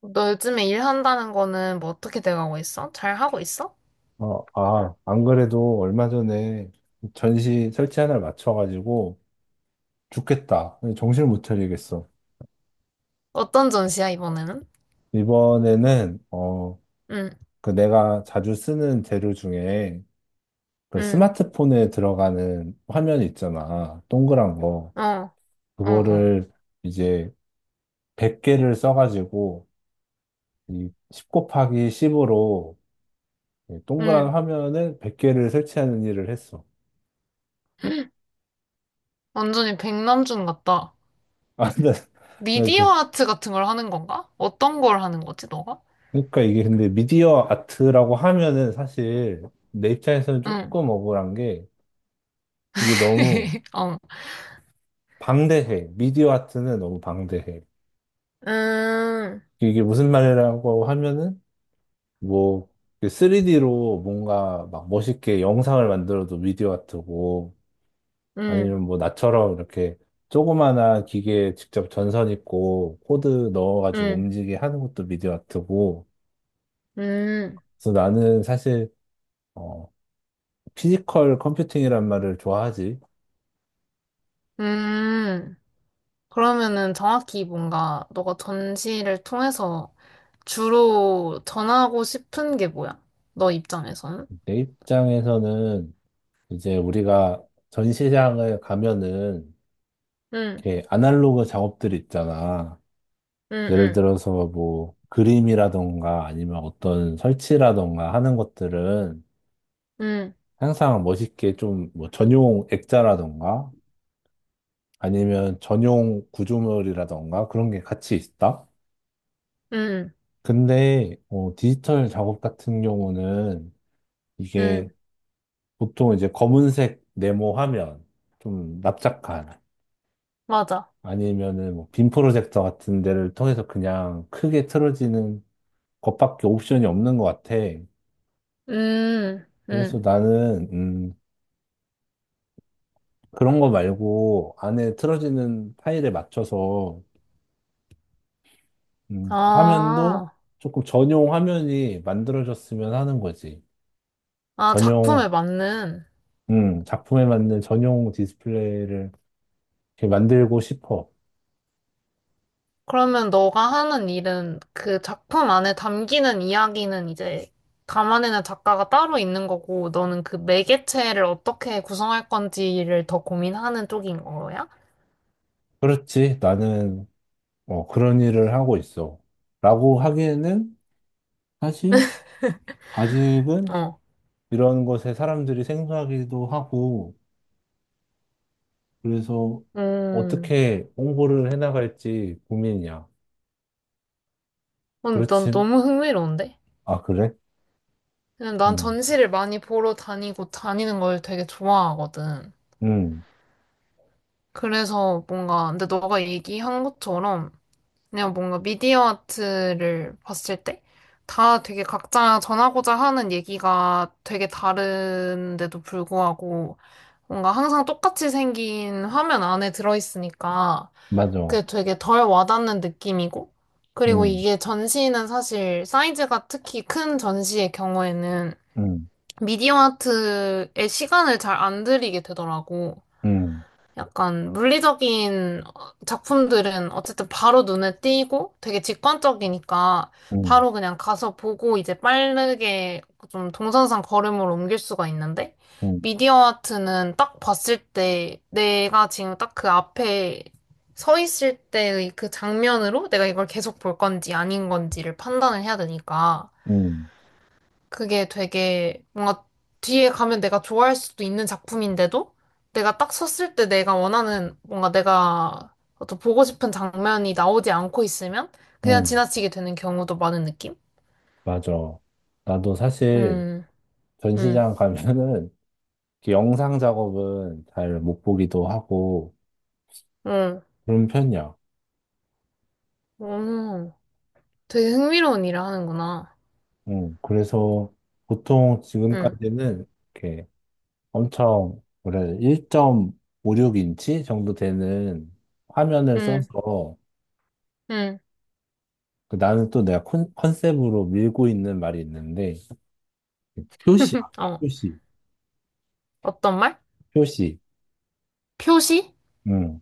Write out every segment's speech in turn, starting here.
너 요즘에 일한다는 거는 뭐 어떻게 돼가고 있어? 잘 하고 있어? 안 그래도 얼마 전에 전시 설치 하나를 맞춰가지고 죽겠다. 정신을 못 차리겠어. 어떤 전시야, 이번에는? 이번에는, 응, 그 내가 자주 쓰는 재료 중에 그 응, 스마트폰에 들어가는 화면 있잖아. 동그란 거. 어, 어, 어, 그거를 이제 100개를 써가지고 이10 곱하기 10으로 동그란 응. 화면을 100개를 설치하는 일을 했어. 완전히 백남준 같다. 아, 나, 미디어 나그 아트 같은 걸 하는 건가? 어떤 걸 하는 거지, 너가? 그러니까 이게 근데 미디어 아트라고 하면은 사실 내 입장에서는 응, 조금 억울한 게 이게 너무 어. 방대해. 미디어 아트는 너무 방대해. 음, 이게 무슨 말이라고 하면은 뭐 3D로 뭔가 막 멋있게 영상을 만들어도 미디어 아트고, 음, 아니면 뭐 나처럼 이렇게 조그마한 기계에 직접 전선 있고 코드 넣어가지고 음, 움직이게 하는 것도 미디어 아트고. 음, 그래서 나는 사실 어, 피지컬 컴퓨팅이란 말을 좋아하지. 음. 그러면은 정확히 뭔가 너가 전시를 통해서 주로 전하고 싶은 게 뭐야? 너 입장에서는? 내 입장에서는 이제 우리가 전시장을 가면은 응, 이렇게 아날로그 작업들 있잖아. 응, 예를 응. 들어서 뭐 그림이라던가 아니면 어떤 설치라던가 하는 것들은 응, 항상 멋있게 좀 뭐 전용 액자라던가 아니면 전용 구조물이라던가 그런 게 같이 있다. 응, 근데 디지털 작업 같은 경우는 이게 응, 보통 이제 검은색 네모 화면, 좀 납작한. 맞아. 아니면은 뭐 빔 프로젝터 같은 데를 통해서 그냥 크게 틀어지는 것밖에 옵션이 없는 것 같아. 음, 그래서 음. 나는 그런 거 말고 안에 틀어지는 파일에 맞춰서 화면도 아, 조금 전용 화면이 만들어졌으면 하는 거지. 아, 전용, 작품에 맞는. 작품에 맞는 전용 디스플레이를 이렇게 만들고 싶어. 그러면 너가 하는 일은 그 작품 안에 담기는 이야기는 이제 담아내는 작가가 따로 있는 거고, 너는 그 매개체를 어떻게 구성할 건지를 더 고민하는 쪽인 거야? 그렇지. 나는 그런 일을 하고 있어. 라고 하기에는 사실 아직은 어. 이런 것에 사람들이 생소하기도 하고, 그래서 음, 어떻게 홍보를 해나갈지 고민이야. 근데 난 그렇지. 너무 흥미로운데? 아, 그래? 그냥 난 음. 전시를 많이 보러 다니고 다니는 걸 되게 좋아하거든. 음. 그래서 뭔가, 근데 너가 얘기한 것처럼 그냥 뭔가 미디어 아트를 봤을 때 다 되게 각자 전하고자 하는 얘기가 되게 다른데도 불구하고 뭔가 항상 똑같이 생긴 화면 안에 들어있으니까 맞아. 그게 되게 덜 와닿는 느낌이고 그리고 음. 이게 전시는 사실 사이즈가 특히 큰 전시의 경우에는 음. 미디어 아트에 시간을 잘 안 들이게 되더라고. 음. 약간 물리적인 작품들은 어쨌든 바로 눈에 띄고 되게 직관적이니까 음. 바로 그냥 가서 보고 이제 빠르게 좀 동선상 걸음을 옮길 수가 있는데 음. 미디어 아트는 딱 봤을 때 내가 지금 딱 그 앞에 서 있을 때의 그 장면으로 내가 이걸 계속 볼 건지 아닌 건지를 판단을 해야 되니까 음. 그게 되게 뭔가 뒤에 가면 내가 좋아할 수도 있는 작품인데도 내가 딱 섰을 때 내가 원하는 뭔가 내가 어떤 보고 싶은 장면이 나오지 않고 있으면 그냥 음. 지나치게 되는 경우도 많은 느낌? 맞아. 나도 사실 음, 음, 전시장 가면은 이렇게 영상 작업은 잘 못 보기도 하고 음, 그런 편이야. 오, 되게 흥미로운 일을 하는구나. 그래서 보통 음, 지금까지는 이렇게 엄청 그래 1.56인치 정도 되는 화면을 음, 써서. 음, 그 나는 또 내가 컨셉으로 밀고 있는 말이 있는데, 표시. 어, 표시. 어떤 말? 표시. 표시? 음.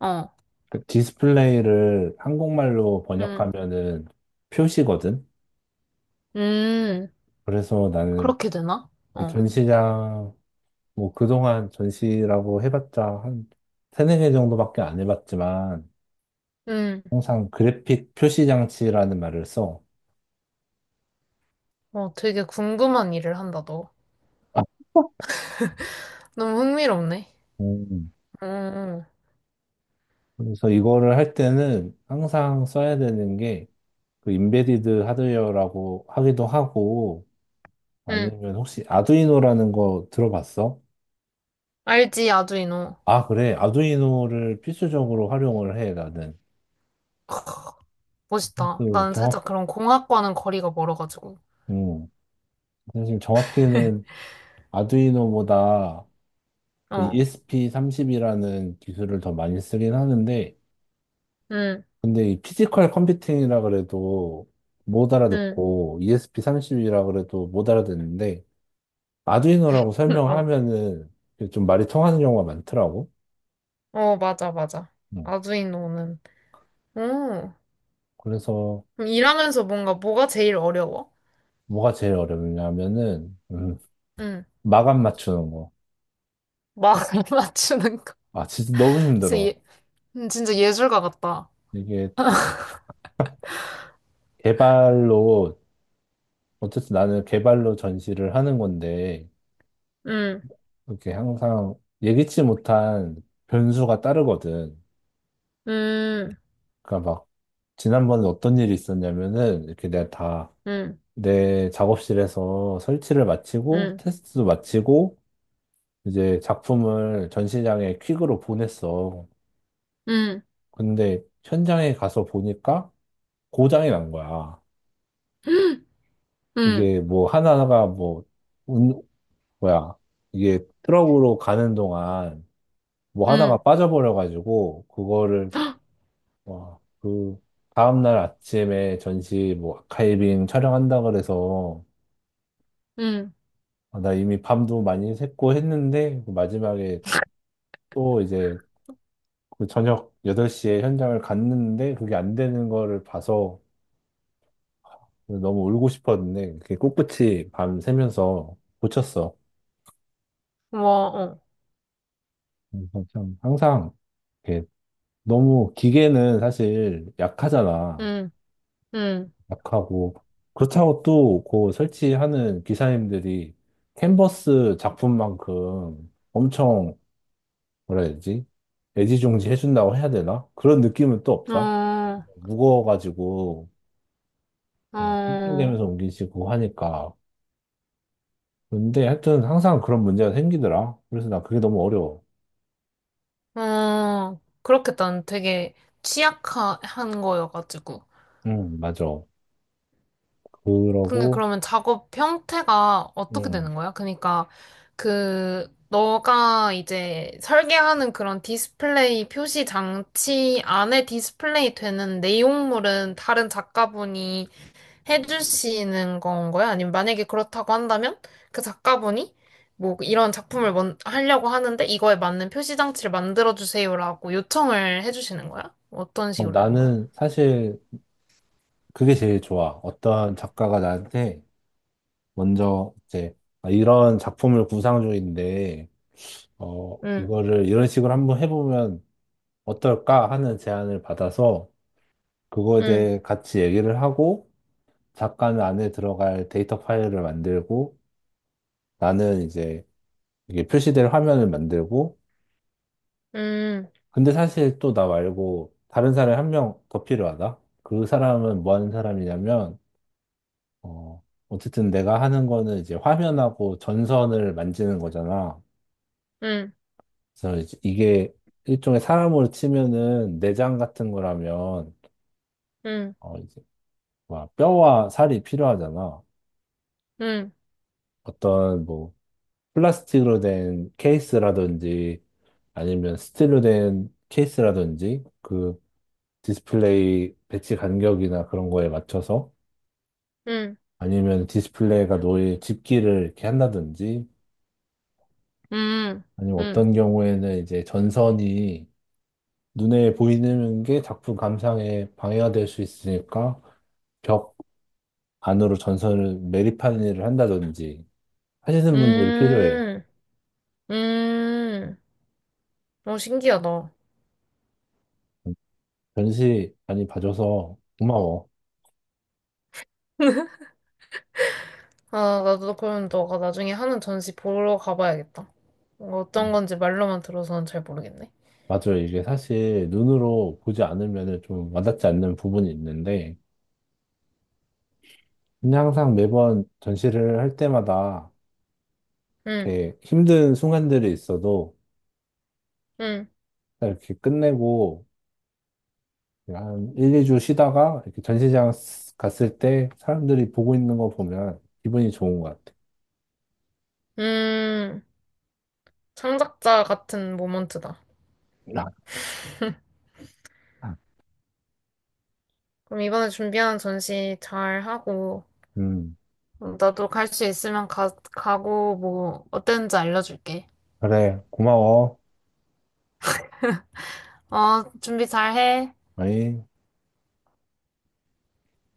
어, 그 디스플레이를 한국말로 음, 번역하면은 표시거든. 음, 그래서 나는, 그렇게 되나? 그 어, 전시장, 뭐 그동안 전시라고 해봤자 한 세네 개 정도밖에 안 해봤지만 음, 항상 그래픽 표시 장치라는 말을 써. 어, 되게 궁금한 일을 한다, 너. 너무 흥미롭네. 음. 음, 그래서 이거를 할 때는 항상 써야 되는 게 그 인베디드 하드웨어라고 하기도 하고, 응. 아니면 혹시 아두이노라는 거 들어봤어? 알지, 아두이노. 아, 그래. 아두이노를 필수적으로 활용을 해, 나는. 멋있다. 사실 나는 정확, 살짝 그런 공학과는 거리가 멀어가지고. 음, 사실 정확히는 아두이노보다 그 어, ESP30이라는 기술을 더 많이 쓰긴 하는데, 응, 근데 이 피지컬 컴퓨팅이라 그래도 못 응. 알아듣고, ESP30이라 그래도 못 알아듣는데, 아두이노라고 어, 설명하면은 이게 좀 말이 통하는 경우가 많더라고. 어, 맞아, 맞아. 음. 아두이노는. 오, 그래서 그럼 일하면서 뭔가 뭐가 제일 어려워? 뭐가 제일 어렵냐면은 응. 마감 맞추는 거. 막을 맞추는 거. 아, 진짜 너무 진짜, 힘들어. 예, 진짜 예술가 같다. 이게 개발로, 어쨌든 나는 개발로 전시를 하는 건데 응, 이렇게 항상 예기치 못한 변수가 따르거든. 응, 그러니까 막 지난번에 어떤 일이 있었냐면은, 이렇게 내가 다 응, 내 작업실에서 설치를 마치고 응, 테스트도 마치고 이제 작품을 전시장에 퀵으로 보냈어. 응, 근데 현장에 가서 보니까 고장이 난 거야. 응, 응, 이게 뭐 하나가, 뭐, 운, 뭐야. 이게 트럭으로 가는 동안 뭐 하나가 응. 빠져버려가지고 그거를, 와, 다음날 아침에 전시 뭐 아카이빙 촬영한다 그래서. 응. 아, 나 이미 밤도 많이 샜고 했는데 그 마지막에 또 이제 그 저녁 8시에 현장을 갔는데 그게 안 되는 거를 봐서 너무 울고 싶었는데 그게 꿋꿋이 밤 새면서 고쳤어. 와, 어, 그래서 참 항상 이렇게, 너무 기계는 사실 약하잖아. 응, 응. 약하고, 그렇다고 또 그 설치하는 기사님들이 캔버스 작품만큼 엄청, 뭐라 해야 되지? 애지중지 해준다고 해야 되나? 그런 느낌은 또 없다. 어, 무거워가지고 막 어. 낑낑대면서 옮기시고 하니까. 근데 하여튼 항상 그런 문제가 생기더라. 그래서 나 그게 너무 어려워. 어, 그렇겠다. 난 되게 취약한 거여가지고. 응, 맞아. 근데 그러고, 그러면 작업 형태가 어떻게 응. 되는 거야? 그러니까 그 너가 이제 설계하는 그런 디스플레이 표시 장치 안에 디스플레이 되는 내용물은 다른 작가분이 해주시는 건 거야? 아니면 만약에 그렇다고 한다면 그 작가분이 뭐 이런 작품을 먼- 하려고 하는데 이거에 맞는 표시 장치를 만들어 주세요라고 요청을 해주시는 거야? 어떤 식으로 되는 거야? 나는 사실 그게 제일 좋아. 어떤 작가가 나한테 먼저 이제, 아, 이런 작품을 구상 중인데, 응, 이거를 이런 식으로 한번 해보면 어떨까 하는 제안을 받아서 그거에 응, 대해 같이 얘기를 하고, 작가는 안에 들어갈 데이터 파일을 만들고 나는 이제 이게 표시될 화면을 만들고. 응, 근데 사실 또 나 말고 다른 사람이 한 명 더 필요하다. 그 사람은 뭐 하는 사람이냐면, 어, 어쨌든 내가 하는 거는 이제 화면하고 전선을 만지는 거잖아. 응, 그래서 이제 이게 일종의 사람으로 치면은 내장 같은 거라면, 응, 이제 뭐 뼈와 살이 필요하잖아. 응, 어떤 뭐 플라스틱으로 된 케이스라든지 아니면 스틸로 된 케이스라든지 그 디스플레이 배치 간격이나 그런 거에 맞춰서, 응, 아니면 디스플레이가 노을 집기를 이렇게 한다든지, 응, 아니면 응, 어떤 경우에는 이제 전선이 눈에 보이는 게 작품 감상에 방해가 될 수 있으니까 벽 안으로 전선을 매립하는 일을 한다든지 하시는 분들이 필요해. 응, 응. 어, 신기하다. 전시 많이 봐줘서 고마워. 아, 나도 그럼 너가 나중에 하는 전시 보러 가봐야겠다. 어, 어떤 음. 건지 말로만 들어서는 잘 모르겠네. 맞아요. 이게 사실 눈으로 보지 않으면 좀 와닿지 않는 부분이 있는데, 근데 항상 매번 전시를 할 때마다 응. 이렇게 힘든 순간들이 있어도 응. 이렇게 끝내고 한 1, 2주 쉬다가 이렇게 전시장 갔을 때 사람들이 보고 있는 거 보면 기분이 좋은 것 같아. 음, 창작자 같은 모먼트다. 아, 그럼 이번에 준비하는 전시 잘 하고, 음, 어, 나도 갈 수 있으면 가, 가고, 뭐, 어땠는지 알려줄게. 그래, 고마워. 어, 준비 잘 해. 아이.